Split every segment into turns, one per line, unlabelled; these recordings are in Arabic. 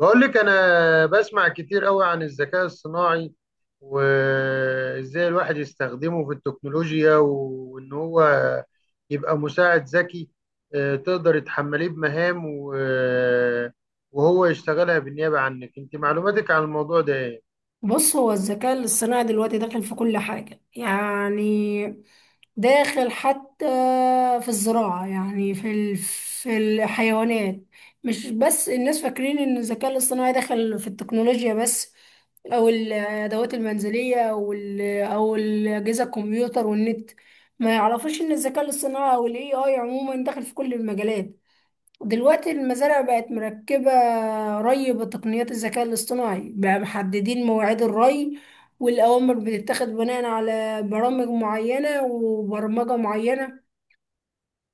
بقول لك انا بسمع كتير قوي عن الذكاء الصناعي، وازاي الواحد يستخدمه في التكنولوجيا، وان هو يبقى مساعد ذكي. تقدر تحمليه بمهام وهو يشتغلها بالنيابة عنك. انت معلوماتك عن الموضوع ده ايه؟
بص، هو الذكاء الاصطناعي دلوقتي داخل في كل حاجة. يعني داخل حتى في الزراعة. يعني في الحيوانات. مش بس الناس فاكرين ان الذكاء الاصطناعي داخل في التكنولوجيا بس، او الادوات المنزلية، او الاجهزة الكمبيوتر والنت. ما يعرفوش ان الذكاء الاصطناعي او الاي اي عموما داخل في كل المجالات. دلوقتي المزارع بقت مركبة ري بتقنيات الذكاء الاصطناعي، بقى محددين مواعيد الري، والأوامر بتتاخد بناء على برامج معينة وبرمجة معينة،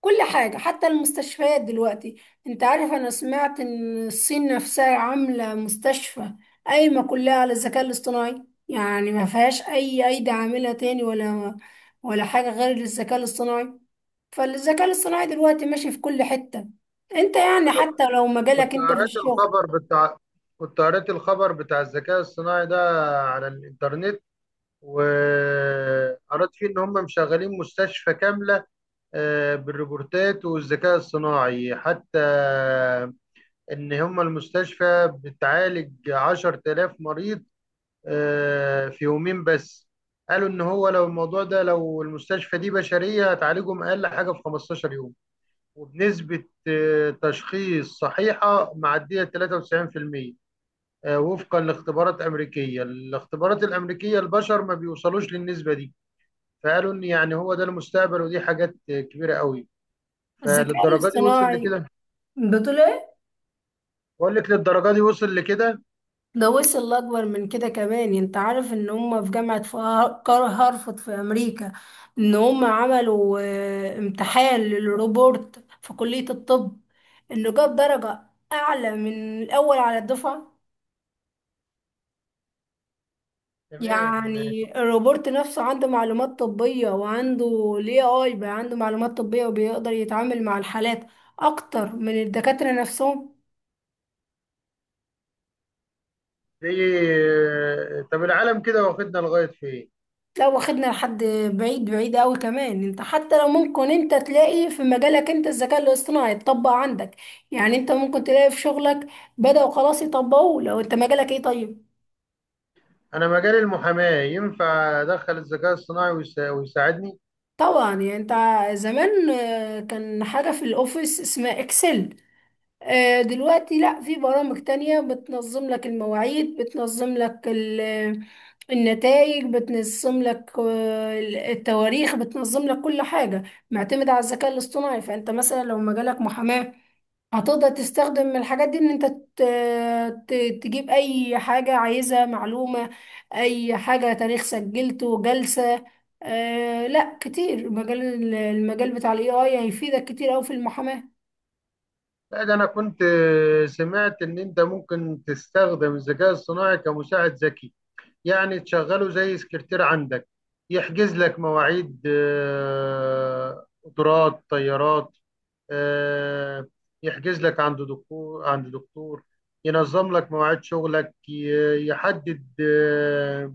كل حاجة. حتى المستشفيات دلوقتي، انت عارف انا سمعت ان الصين نفسها عاملة مستشفى قايمة كلها على الذكاء الاصطناعي. يعني ما فيهاش اي ايدي عاملة تاني، ولا حاجة غير الذكاء الاصطناعي. فالذكاء الاصطناعي دلوقتي ماشي في كل حتة. انت يعني
أنا
حتى لو مجالك
كنت
انت في
قرأت
الشغل.
الخبر بتاع كنت قرأت الخبر بتاع الذكاء الصناعي ده على الانترنت، وقرأت فيه ان هم مشغلين مستشفى كاملة، بالروبوتات والذكاء الصناعي حتى. إن هم المستشفى بتعالج 10,000 مريض، في يومين بس. قالوا إن هو لو الموضوع ده لو المستشفى دي بشرية هتعالجهم أقل حاجة في 15 يوم، وبنسبة تشخيص صحيحة معدية 93%، وفقا لاختبارات أمريكية. الاختبارات الأمريكية البشر ما بيوصلوش للنسبة دي. فقالوا إن يعني هو ده المستقبل، ودي حاجات كبيرة قوي،
الذكاء
فللدرجه دي وصل
الاصطناعي
لكده.
بطول،
بقول لك للدرجه دي وصل لكده.
ده وصل لأكبر من كده كمان. يعني انت عارف ان هم في جامعة هارفارد في امريكا، ان هم عملوا امتحان للروبورت في كلية الطب، انه جاب درجة اعلى من الاول على الدفعة.
تمام.
يعني الروبورت نفسه عنده معلومات طبية، وعنده ال AI بقى عنده معلومات طبية، وبيقدر يتعامل مع الحالات اكتر من الدكاترة نفسهم.
زي طب العالم كده واخدنا لغايه فين؟
لو واخدنا لحد بعيد بعيد قوي كمان، انت حتى لو ممكن انت تلاقي في مجالك انت الذكاء الاصطناعي يتطبق عندك. يعني انت ممكن تلاقي في شغلك بدأوا خلاص يطبقوه. لو انت مجالك ايه؟ طيب،
انا مجال المحاماه ينفع ادخل الذكاء الصناعي ويساعدني؟
طبعا. يعني انت زمان كان حاجة في الاوفيس اسمها اكسل. دلوقتي لا، في برامج تانية بتنظم لك المواعيد، بتنظم لك النتائج، بتنظم لك التواريخ، بتنظم لك كل حاجة، معتمدة على الذكاء الاصطناعي. فانت مثلا لو مجالك محاماة، هتقدر تستخدم الحاجات دي ان انت تجيب اي حاجة عايزها، معلومة، اي حاجة، تاريخ سجلته، جلسة. آه لا، كتير مجال، المجال بتاع الاي اي هيفيدك كتير اوي في المحاماة.
لا، ده انا كنت سمعت ان انت ممكن تستخدم الذكاء الصناعي كمساعد ذكي. يعني تشغله زي سكرتير عندك، يحجز لك مواعيد قطارات طيارات، آه، يحجز لك عند دكتور، ينظم لك مواعيد شغلك، يحدد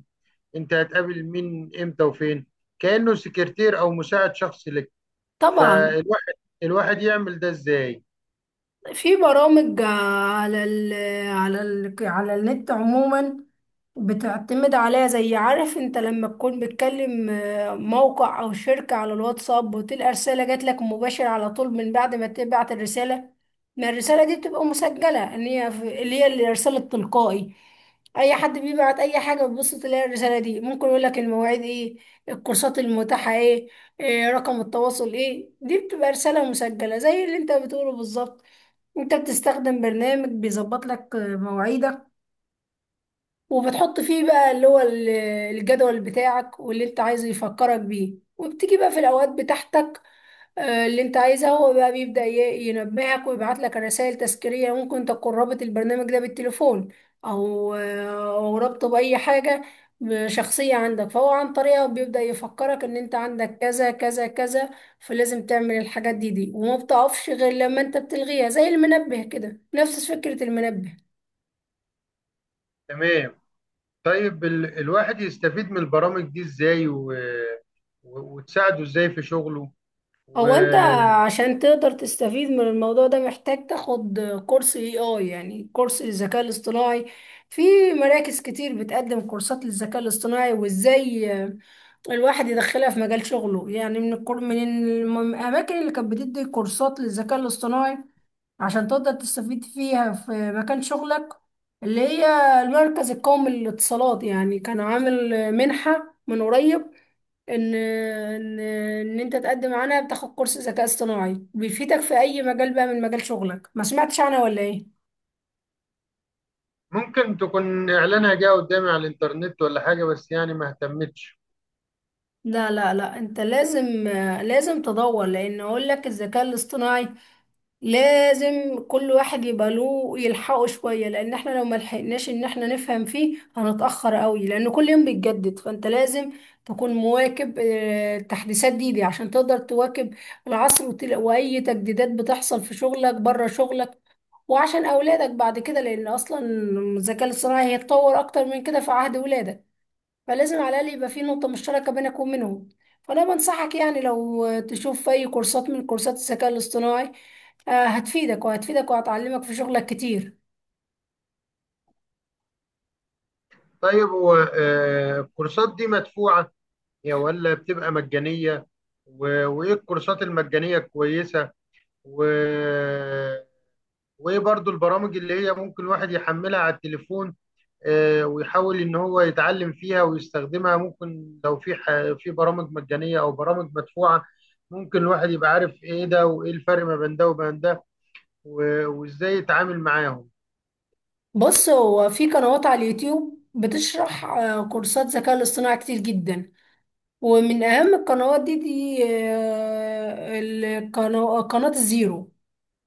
انت هتقابل مين امتى وفين. كأنه سكرتير او مساعد شخصي لك.
طبعا
فالواحد الواحد يعمل ده ازاي؟
في برامج على النت عموما بتعتمد عليها. زي، عارف انت لما تكون بتكلم موقع او شركة على الواتساب، وتلقى رسالة جات لك مباشر على طول من بعد ما تبعت الرسالة؟ ما الرسالة دي بتبقى مسجلة ان هي اللي هي الرسالة التلقائي. اي حد بيبعت اي حاجة بتبص تلاقي الرسالة دي، ممكن يقول لك المواعيد ايه، الكورسات المتاحة ايه، إيه رقم التواصل، ايه، دي بتبقى رسالة مسجلة زي اللي انت بتقوله بالظبط. انت بتستخدم برنامج بيظبط لك مواعيدك، وبتحط فيه بقى الجدول بتاعك، واللي انت عايزه يفكرك بيه، وبتيجي بقى في الاوقات بتاعتك اللي انت عايزها. هو بقى بيبدأ ينبهك ويبعت لك رسائل تذكيرية. ممكن تكون رابط البرنامج ده بالتليفون، او او رابطه بأي حاجة شخصية عندك، فهو عن طريقها بيبدأ يفكرك ان انت عندك كذا كذا كذا، فلازم تعمل الحاجات دي، وما بتقفش غير لما انت بتلغيها، زي المنبه كده، نفس فكرة المنبه.
تمام. طيب الواحد يستفيد من البرامج دي ازاي وتساعده ازاي في شغله؟
انت
وممكن
عشان تقدر تستفيد من الموضوع ده، محتاج تاخد كورس اي اي، يعني كورس الذكاء الاصطناعي. في مراكز كتير بتقدم كورسات للذكاء الاصطناعي، وازاي الواحد يدخلها في مجال شغله. يعني من الكور من الم- الاماكن اللي كانت بتدي كورسات للذكاء الاصطناعي عشان تقدر تستفيد فيها في مكان شغلك، اللي هي المركز القومي للاتصالات. يعني كان عامل منحة من قريب، ان انت تقدم عنها بتاخد كورس ذكاء اصطناعي بيفيدك في اي مجال بقى من مجال شغلك. ما سمعتش عنها ولا ايه؟
تكون إعلانها جه قدامي على الإنترنت ولا حاجة، بس يعني ما اهتمتش.
لا لا لا، انت لازم، لازم تدور. لان اقول لك، الذكاء الاصطناعي لازم كل واحد يبقى له يلحقه شوية، لان احنا لو ما لحقناش ان احنا نفهم فيه هنتأخر قوي، لان كل يوم بيتجدد. فانت لازم تكون مواكب التحديثات دي عشان تقدر تواكب العصر، واي تجديدات بتحصل في شغلك بره شغلك، وعشان اولادك بعد كده، لان اصلا الذكاء الاصطناعي هيتطور اكتر من كده في عهد ولادك، فلازم على الاقل يبقى في نقطه مشتركه بينك وبينهم. فانا بنصحك يعني لو تشوف اي كورسات من كورسات الذكاء الاصطناعي، هتفيدك وهتفيدك وهتعلمك في شغلك كتير.
طيب هو الكورسات دي مدفوعة يا ولا بتبقى مجانية؟ وإيه الكورسات المجانية الكويسة؟ و... وإيه برضو البرامج اللي هي ممكن الواحد يحملها على التليفون، ويحاول إن هو يتعلم فيها ويستخدمها؟ ممكن لو في في برامج مجانية أو برامج مدفوعة، ممكن الواحد يبقى عارف إيه ده وإيه الفرق ما بين ده وبين ده، وازاي يتعامل معاهم.
بص، هو في قنوات على اليوتيوب بتشرح كورسات ذكاء الاصطناعي كتير جدا. ومن اهم القنوات دي قناه الزيرو.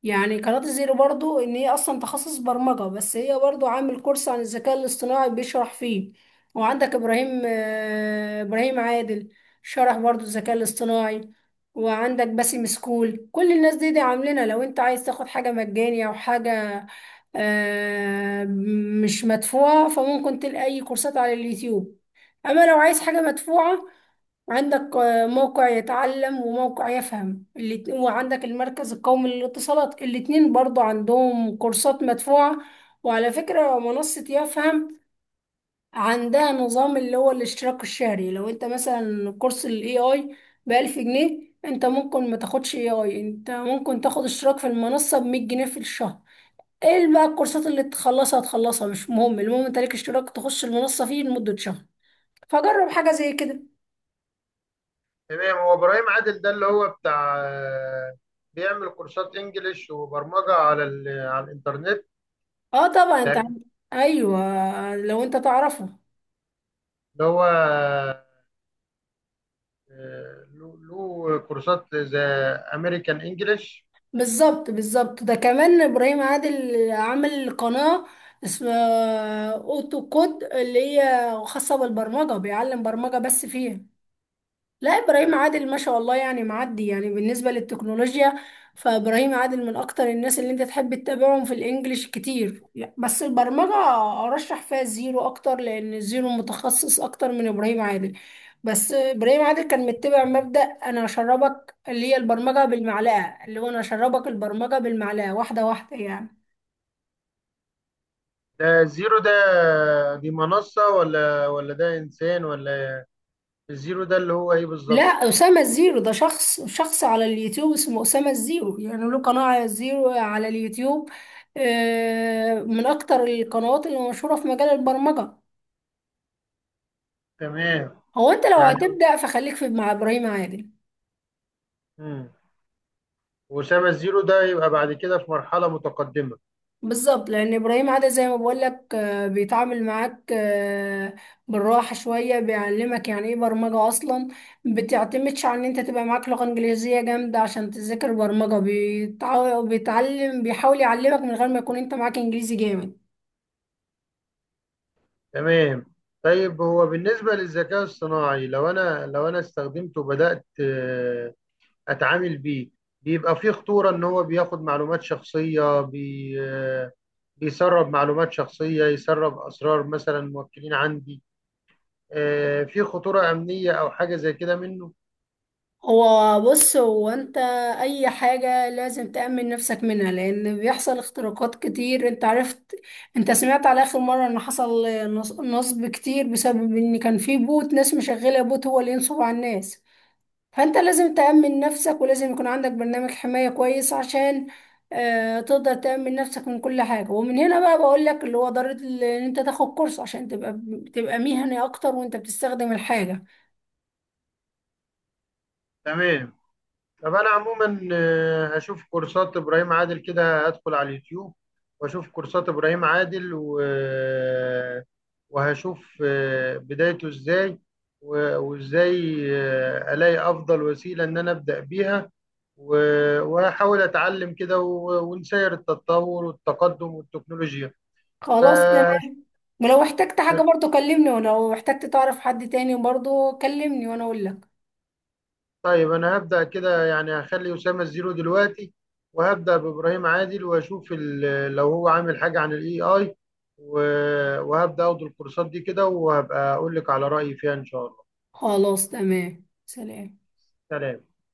يعني قناة الزيرو برضو ان هي اصلا تخصص برمجة، بس هي برضو عامل كورس عن الذكاء الاصطناعي بيشرح فيه. وعندك ابراهيم، ابراهيم عادل، شرح برضو الذكاء الاصطناعي. وعندك باسم سكول. كل الناس دي عاملينها. لو انت عايز تاخد حاجة مجانية او حاجة آه، مش مدفوعة، فممكن تلاقي اي كورسات على اليوتيوب. اما لو عايز حاجة مدفوعة، عندك موقع يتعلم وموقع يفهم وعندك المركز القومي للاتصالات، الاتنين برضو عندهم كورسات مدفوعة. وعلى فكرة منصة يفهم عندها نظام اللي هو الاشتراك الشهري. لو انت مثلا كورس الاي اي ب1000 جنيه، انت ممكن ما تاخدش اي اي، انت ممكن تاخد اشتراك في المنصة ب100 جنيه في الشهر. ايه بقى الكورسات اللي تخلصها تخلصها، مش مهم، المهم انت ليك اشتراك تخش المنصة فيه لمدة شهر. فجرب حاجة زي كده.
تمام. هو ابراهيم عادل ده اللي هو بتاع بيعمل كورسات انجليش وبرمجه على على الانترنت؟
اه طبعا، ايوه لو انت تعرفه.
اللي هو له كورسات زي امريكان انجليش.
بالظبط بالظبط، ده كمان ابراهيم عادل عامل قناة اسمها اوتو كود اللي هي خاصة بالبرمجة، بيعلم برمجة بس فيها. لا، ابراهيم عادل ما شاء الله يعني معدي يعني بالنسبه للتكنولوجيا. فابراهيم عادل من اكتر الناس اللي انت تحب تتابعهم في الانجليش كتير. بس البرمجه ارشح فيها الزيرو اكتر، لان الزيرو متخصص اكتر من ابراهيم عادل. بس ابراهيم عادل كان متبع مبدأ انا اشربك، اللي هي البرمجه بالمعلقه، اللي هو انا اشربك البرمجه بالمعلقه واحده واحده يعني.
ده زيرو ده دي منصه ولا ده انسان ولا؟ الزيرو ده اللي هو ايه
لا،
بالظبط؟
أسامة الزيرو ده شخص، شخص على اليوتيوب اسمه أسامة الزيرو. يعني له قناة على الزيرو على اليوتيوب، من أكتر القنوات اللي مشهورة في مجال البرمجة.
تمام.
هو أنت لو
يعني
هتبدأ فخليك في مع إبراهيم عادل.
مم. وأسامة الزيرو ده يبقى بعد كده في مرحله متقدمه.
بالظبط، لأن إبراهيم عادل زي ما بقول لك بيتعامل معاك بالراحة شوية، بيعلمك يعني إيه برمجة أصلا. بتعتمدش على إن أنت تبقى معاك لغة إنجليزية جامدة عشان تذاكر برمجة. بيتعلم، بيحاول يعلمك من غير ما يكون أنت معاك إنجليزي جامد.
تمام. طيب هو بالنسبة للذكاء الصناعي، لو أنا استخدمته وبدأت أتعامل بيه، بيبقى فيه خطورة إن هو بياخد معلومات شخصية، بي آه، بيسرب معلومات شخصية، يسرب أسرار مثلا موكلين عندي؟ في خطورة أمنية أو حاجة زي كده منه؟
بص، هو انت اي حاجة لازم تأمن نفسك منها، لان بيحصل اختراقات كتير. انت سمعت على اخر مرة ان حصل نصب كتير بسبب ان كان في بوت، ناس مشغلة بوت هو اللي ينصب على الناس. فانت لازم تأمن نفسك، ولازم يكون عندك برنامج حماية كويس عشان اه تقدر تأمن نفسك من كل حاجة. ومن هنا بقى بقول لك اللي هو ضرورة ان انت تاخد كورس عشان تبقى مهني اكتر وانت بتستخدم الحاجة.
تمام. طب انا عموما اشوف كورسات ابراهيم عادل كده. هدخل على اليوتيوب واشوف كورسات ابراهيم عادل و... آه، وهشوف بدايته ازاي، وازاي الاقي افضل وسيلة ان انا ابدا بيها، وهحاول اتعلم كده، ونسير التطور والتقدم والتكنولوجيا. ف
خلاص، ولو احتجت حاجة برضو كلمني، ولو احتجت تعرف حد تاني برضو كلمني وانا اقول لك.
طيب انا هبدأ كده. يعني هخلي أسامة الزيرو دلوقتي، وهبدأ بإبراهيم عادل واشوف لو هو عامل حاجة عن الاي اي، وهبدأ اخد الكورسات دي كده، وهبقى اقول لك على رأيي فيها ان شاء الله.
خلاص، تمام، سلام.
سلام.